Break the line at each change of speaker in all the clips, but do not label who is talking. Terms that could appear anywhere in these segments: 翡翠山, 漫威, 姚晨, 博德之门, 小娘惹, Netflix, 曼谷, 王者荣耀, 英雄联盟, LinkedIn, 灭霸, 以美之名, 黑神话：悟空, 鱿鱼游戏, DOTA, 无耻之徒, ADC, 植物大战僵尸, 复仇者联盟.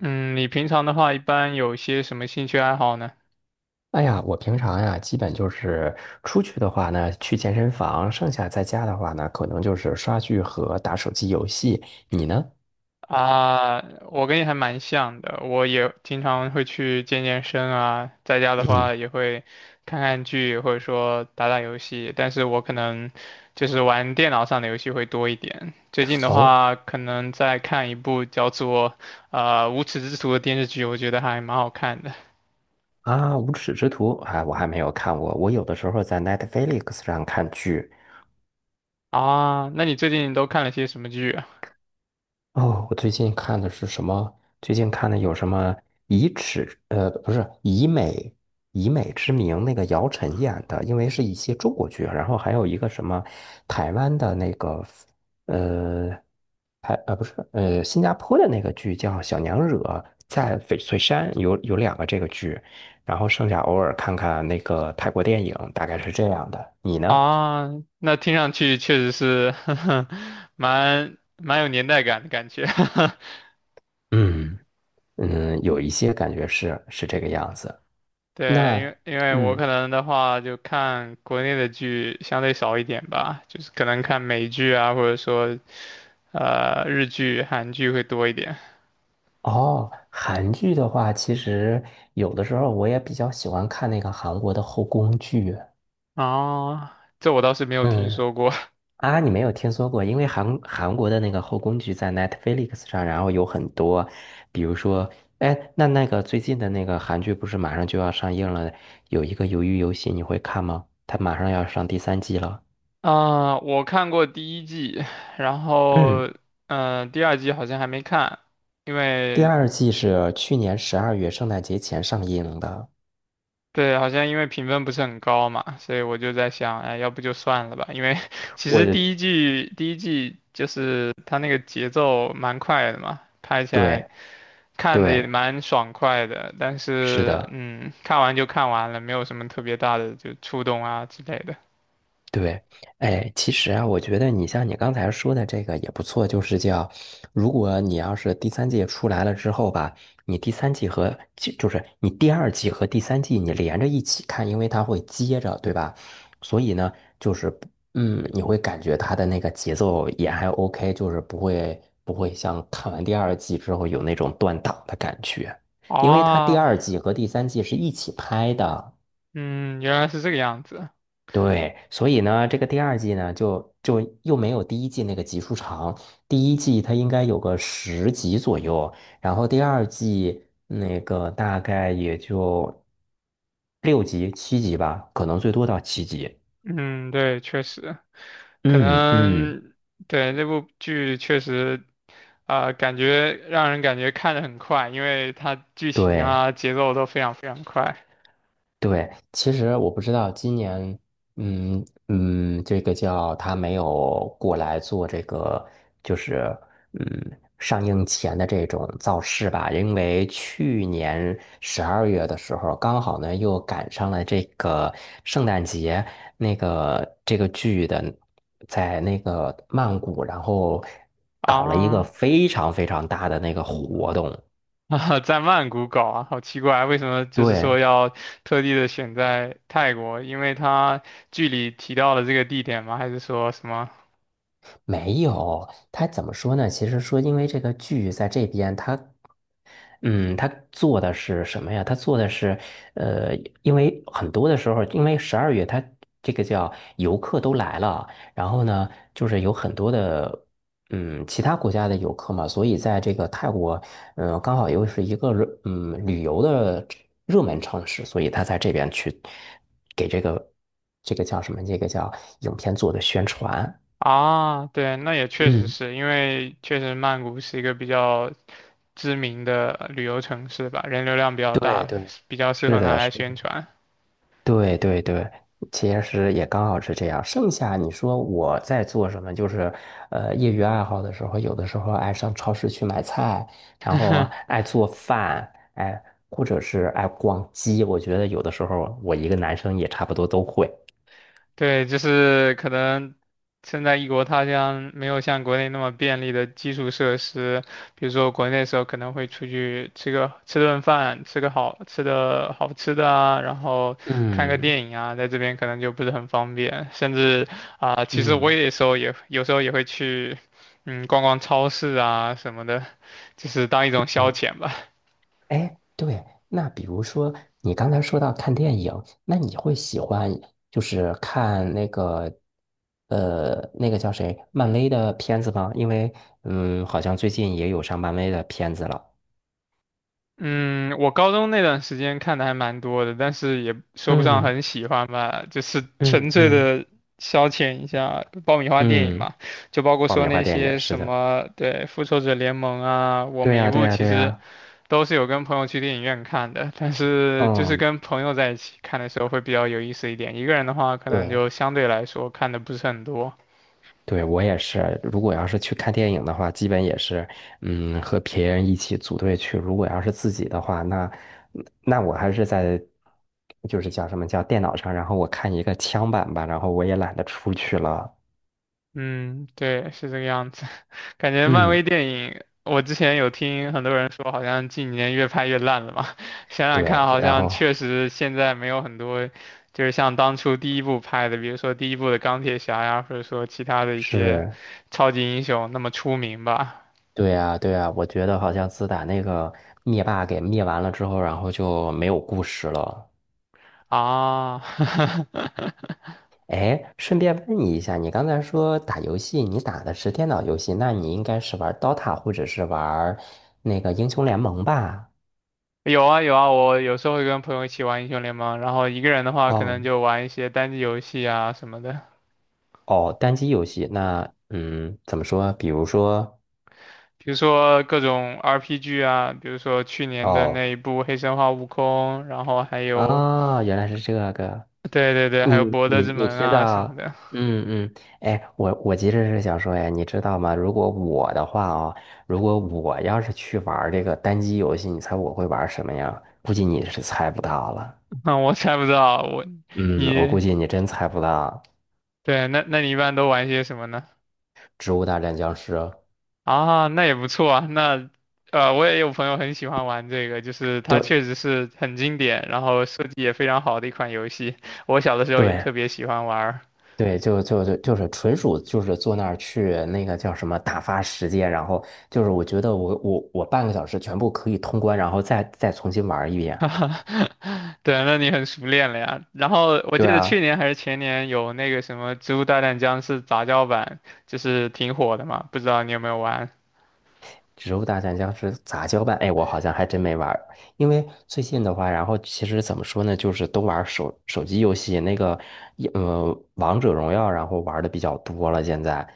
嗯，你平常的话一般有些什么兴趣爱好呢？
哎呀，我平常呀，基本就是出去的话呢，去健身房；剩下在家的话呢，可能就是刷剧和打手机游戏。你呢？
啊，我跟你还蛮像的，我也经常会去健健身啊，在家的
嗯。
话也会看看剧或者说打打游戏，但是我可能就是玩电脑上的游戏会多一点。最近的
哦
话，可能在看一部叫做《无耻之徒》的电视剧，我觉得还蛮好看的。
啊，无耻之徒，哎，我还没有看过。我有的时候在 Netflix 上看剧。
啊，那你最近都看了些什么剧啊？
哦，我最近看的是什么？最近看的有什么以耻，不是以美以美之名那个姚晨演的，因为是一些中国剧，然后还有一个什么台湾的那个。呃，还不是新加坡的那个剧叫《小娘惹》，在翡翠山有两个这个剧，然后剩下偶尔看看那个泰国电影，大概是这样的。你呢？
啊，那听上去确实是 蛮有年代感的感觉。
嗯嗯，有一些感觉是这个样子。
对，
那
因为我
嗯
可能的话就看国内的剧相对少一点吧，就是可能看美剧啊，或者说日剧、韩剧会多一点。
哦，韩剧的话，其实有的时候我也比较喜欢看那个韩国的后宫剧。
啊，这我倒是没有听
嗯
说过。
啊，你没有听说过？因为韩国的那个后宫剧在 Netflix 上，然后有很多，比如说，哎，那那个最近的那个韩剧不是马上就要上映了？有一个《鱿鱼游戏》，你会看吗？它马上要上第三季了。
啊，我看过第一季，然后
嗯，
第二季好像还没看，因
第
为
二季是去年十二月圣诞节前上映的。
对，好像因为评分不是很高嘛，所以我就在想，哎，要不就算了吧。因为 其
我，
实第一季就是它那个节奏蛮快的嘛，拍起来
对
看的也
对，
蛮爽快的。但
是
是，
的。
嗯，看完就看完了，没有什么特别大的就触动啊之类的。
对，哎，其实啊，我觉得你像你刚才说的这个也不错，就是叫，如果你要是第三季出来了之后吧，你第三季和就是你第二季和第三季你连着一起看，因为它会接着，对吧？所以呢，就是不嗯，你会感觉它的那个节奏也还 OK,就是不会像看完第二季之后有那种断档的感觉，因为它第
哦，
二季和第三季是一起拍的。
嗯，原来是这个样子。
对，所以呢，这个第二季呢，就又没有第一季那个集数长。第一季它应该有个10集左右，然后第二季那个大概也就6集、七集吧，可能最多到七集。
嗯，对，确实。可
嗯嗯，
能对那部剧确实，啊、感觉让人感觉看的很快，因为它剧情
对。
啊节奏都非常快
对，其实我不知道今年，嗯嗯，这个叫他没有过来做这个，就是嗯上映前的这种造势吧，因为去年十二月的时候，刚好呢又赶上了这个圣诞节，那个这个剧的在那个曼谷，然后搞了一个
啊
非常非常大的那个活动，
啊，在曼谷搞啊，好奇怪，为什么就是
对。
说要特地的选在泰国？因为它剧里提到了这个地点吗？还是说什么？
没有，他怎么说呢？其实说，因为这个剧在这边，他，嗯，他做的是什么呀？他做的是，呃，因为很多的时候，因为十二月他这个叫游客都来了，然后呢，就是有很多的，嗯，其他国家的游客嘛，所以在这个泰国，嗯、刚好又是一个热嗯旅游的热门城市，所以他在这边去给这个这个叫什么？这个叫影片做的宣传。
啊，对，那也确实
嗯，
是因为确实曼谷是一个比较知名的旅游城市吧，人流量比较
对
大，
对。
比较适
是
合拿
的，
来
是的，
宣传。
对对对，其实也刚好是这样。剩下你说我在做什么，就是业余爱好的时候，有的时候爱上超市去买菜，然后 爱做饭，哎，或者是爱逛街。我觉得有的时候我一个男生也差不多都会。
对，就是可能身在异国他乡，没有像国内那么便利的基础设施，比如说国内的时候可能会出去吃个吃顿饭，吃个好吃的啊，然后看个
嗯
电影啊，在这边可能就不是很方便，甚至啊、其实我
嗯
也时候也有时候也会去，嗯，逛逛超市啊什么的，就是当一种消
嗯。
遣吧。
哎，对，那比如说你刚才说到看电影，那你会喜欢就是看那个那个叫谁漫威的片子吗？因为嗯，好像最近也有上漫威的片子了。
嗯，我高中那段时间看的还蛮多的，但是也说不上
嗯
很喜欢吧，就是
嗯
纯粹
嗯
的消遣一下爆米花电影
嗯，
嘛，就包括
爆
说
米花
那
电影，
些
是
什
的，
么，对，《复仇者联盟》啊，我
对
每一
呀对
部
呀
其
对
实
呀，
都是有跟朋友去电影院看的，但是就是
嗯，
跟朋友在一起看的时候会比较有意思一点，一个人的话可能
对，
就相对来说看的不是很多。
对，我也是。如果要是去看电影的话，基本也是，嗯，和别人一起组队去。如果要是自己的话，那那我还是在，就是叫什么叫电脑上，然后我看一个枪版吧，然后我也懒得出去了。
嗯，对，是这个样子。感觉漫
嗯，
威电影，我之前有听很多人说，好像近几年越拍越烂了嘛。想想
对，
看，好
然
像
后
确实现在没有很多，就是像当初第一部拍的，比如说第一部的钢铁侠呀，或者说其他的一些
是，
超级英雄那么出名吧。
对呀，对呀，我觉得好像自打那个灭霸给灭完了之后，然后就没有故事了。
啊，
哎，顺便问你一下，你刚才说打游戏，你打的是电脑游戏，那你应该是玩 DOTA 或者是玩那个英雄联盟吧？
有啊有啊，我有时候会跟朋友一起玩英雄联盟，然后一个人的话，可
哦
能就玩一些单机游戏啊什么的。
哦，单机游戏，那嗯，怎么说？比如说，
比如说各种 RPG 啊，比如说去年的
哦
那一部《黑神话：悟空》，然后还有，
啊，原来是这个，
对对对，还
你
有《博德
你
之
你
门》
知
啊什么
道？
的。
嗯嗯，哎，我其实是想说，哎，你知道吗？如果我的话哦，如果我要是去玩这个单机游戏，你猜我会玩什么呀？估计你是猜不到了。
那我猜不到，我
嗯，我
你
估计你真猜不到
对，那你一般都玩些什么呢？
《植物大战僵尸》。
啊，那也不错啊。那呃，我也有朋友很喜欢玩这个，就是它确
对
实是很经典，然后设计也非常好的一款游戏。我小的时候也
对
特别喜欢玩儿
对，就是纯属就是坐那儿去那个叫什么打发时间，然后就是我觉得我半个小时全部可以通关，然后再重新玩一 遍。
哈哈，对，那你很熟练了呀。然后我记
对
得去
啊。
年还是前年有那个什么《植物大战僵尸》杂交版，就是挺火的嘛，不知道你有没有玩？
植物大战僵尸杂交版，哎，我好像还真没玩儿，因为最近的话，然后其实怎么说呢，就是都玩儿手机游戏，那个一王者荣耀，然后玩的比较多了。现在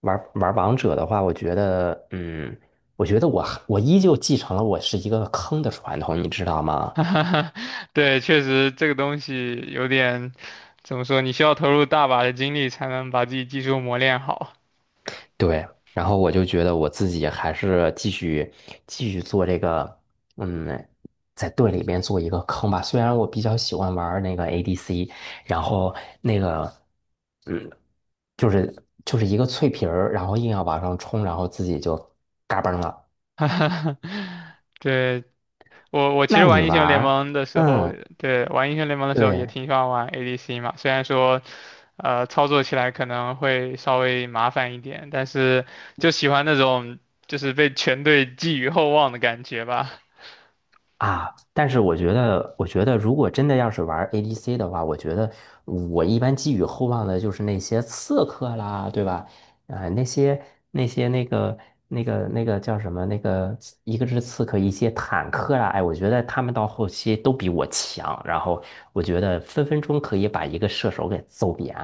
玩王者的话，我觉得，嗯，我觉得我还我依旧继承了我是一个坑的传统，你知道 吗？
哈哈对，确实这个东西有点，怎么说？你需要投入大把的精力才能把自己技术磨练好。
对，然后我就觉得我自己还是继续做这个，嗯，在队里面做一个坑吧。虽然我比较喜欢玩儿那个 ADC,然后那个，嗯，就是就是一个脆皮儿，然后硬要往上冲，然后自己就嘎嘣了。
哈哈，对，我其
那
实
你
玩英
玩
雄联
儿？
盟的时候，
嗯，
对，玩英雄联盟的时候也
对。
挺喜欢玩 ADC 嘛，虽然说，操作起来可能会稍微麻烦一点，但是就喜欢那种就是被全队寄予厚望的感觉吧。
啊，但是我觉得，我觉得如果真的要是玩 ADC 的话，我觉得我一般寄予厚望的就是那些刺客啦，对吧？啊、那些那些那个那个那个叫什么？那个一个是刺客，一些坦克啦，哎，我觉得他们到后期都比我强，然后我觉得分分钟可以把一个射手给揍扁。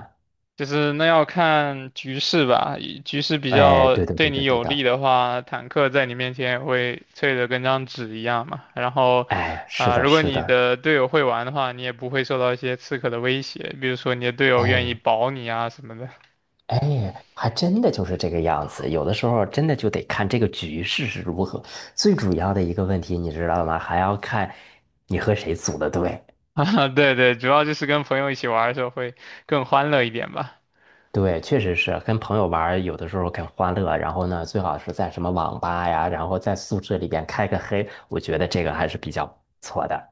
就是那要看局势吧，以局势比
哎，
较
对的，
对
对的，
你
对
有利
的，
的话，坦克在你面前也会脆得跟张纸一样嘛。然后，
哎，是
啊、
的，
如果
是
你
的，
的队友会玩的话，你也不会受到一些刺客的威胁，比如说你的队友愿意
哎。
保你啊什么的。
哎，还真的就是这个样子。有的时候真的就得看这个局势是如何。最主要的一个问题，你知道吗？还要看你和谁组的队。
啊，对对，主要就是跟朋友一起玩的时候会更欢乐一点吧。
对，确实是跟朋友玩儿有的时候很欢乐。然后呢，最好是在什么网吧呀，然后在宿舍里边开个黑，我觉得这个还是比较不错的。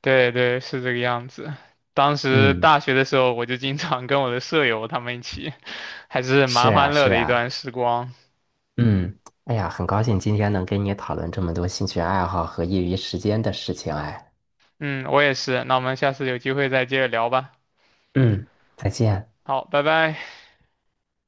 对对，是这个样子。当时
嗯，
大学的时候，我就经常跟我的舍友他们一起，还是
是
蛮
啊，
欢乐
是
的一段
啊，
时光。
嗯，哎呀，很高兴今天能跟你讨论这么多兴趣爱好和业余时间的事情。哎，
嗯，我也是。那我们下次有机会再接着聊吧。
嗯，再见。
好，拜拜。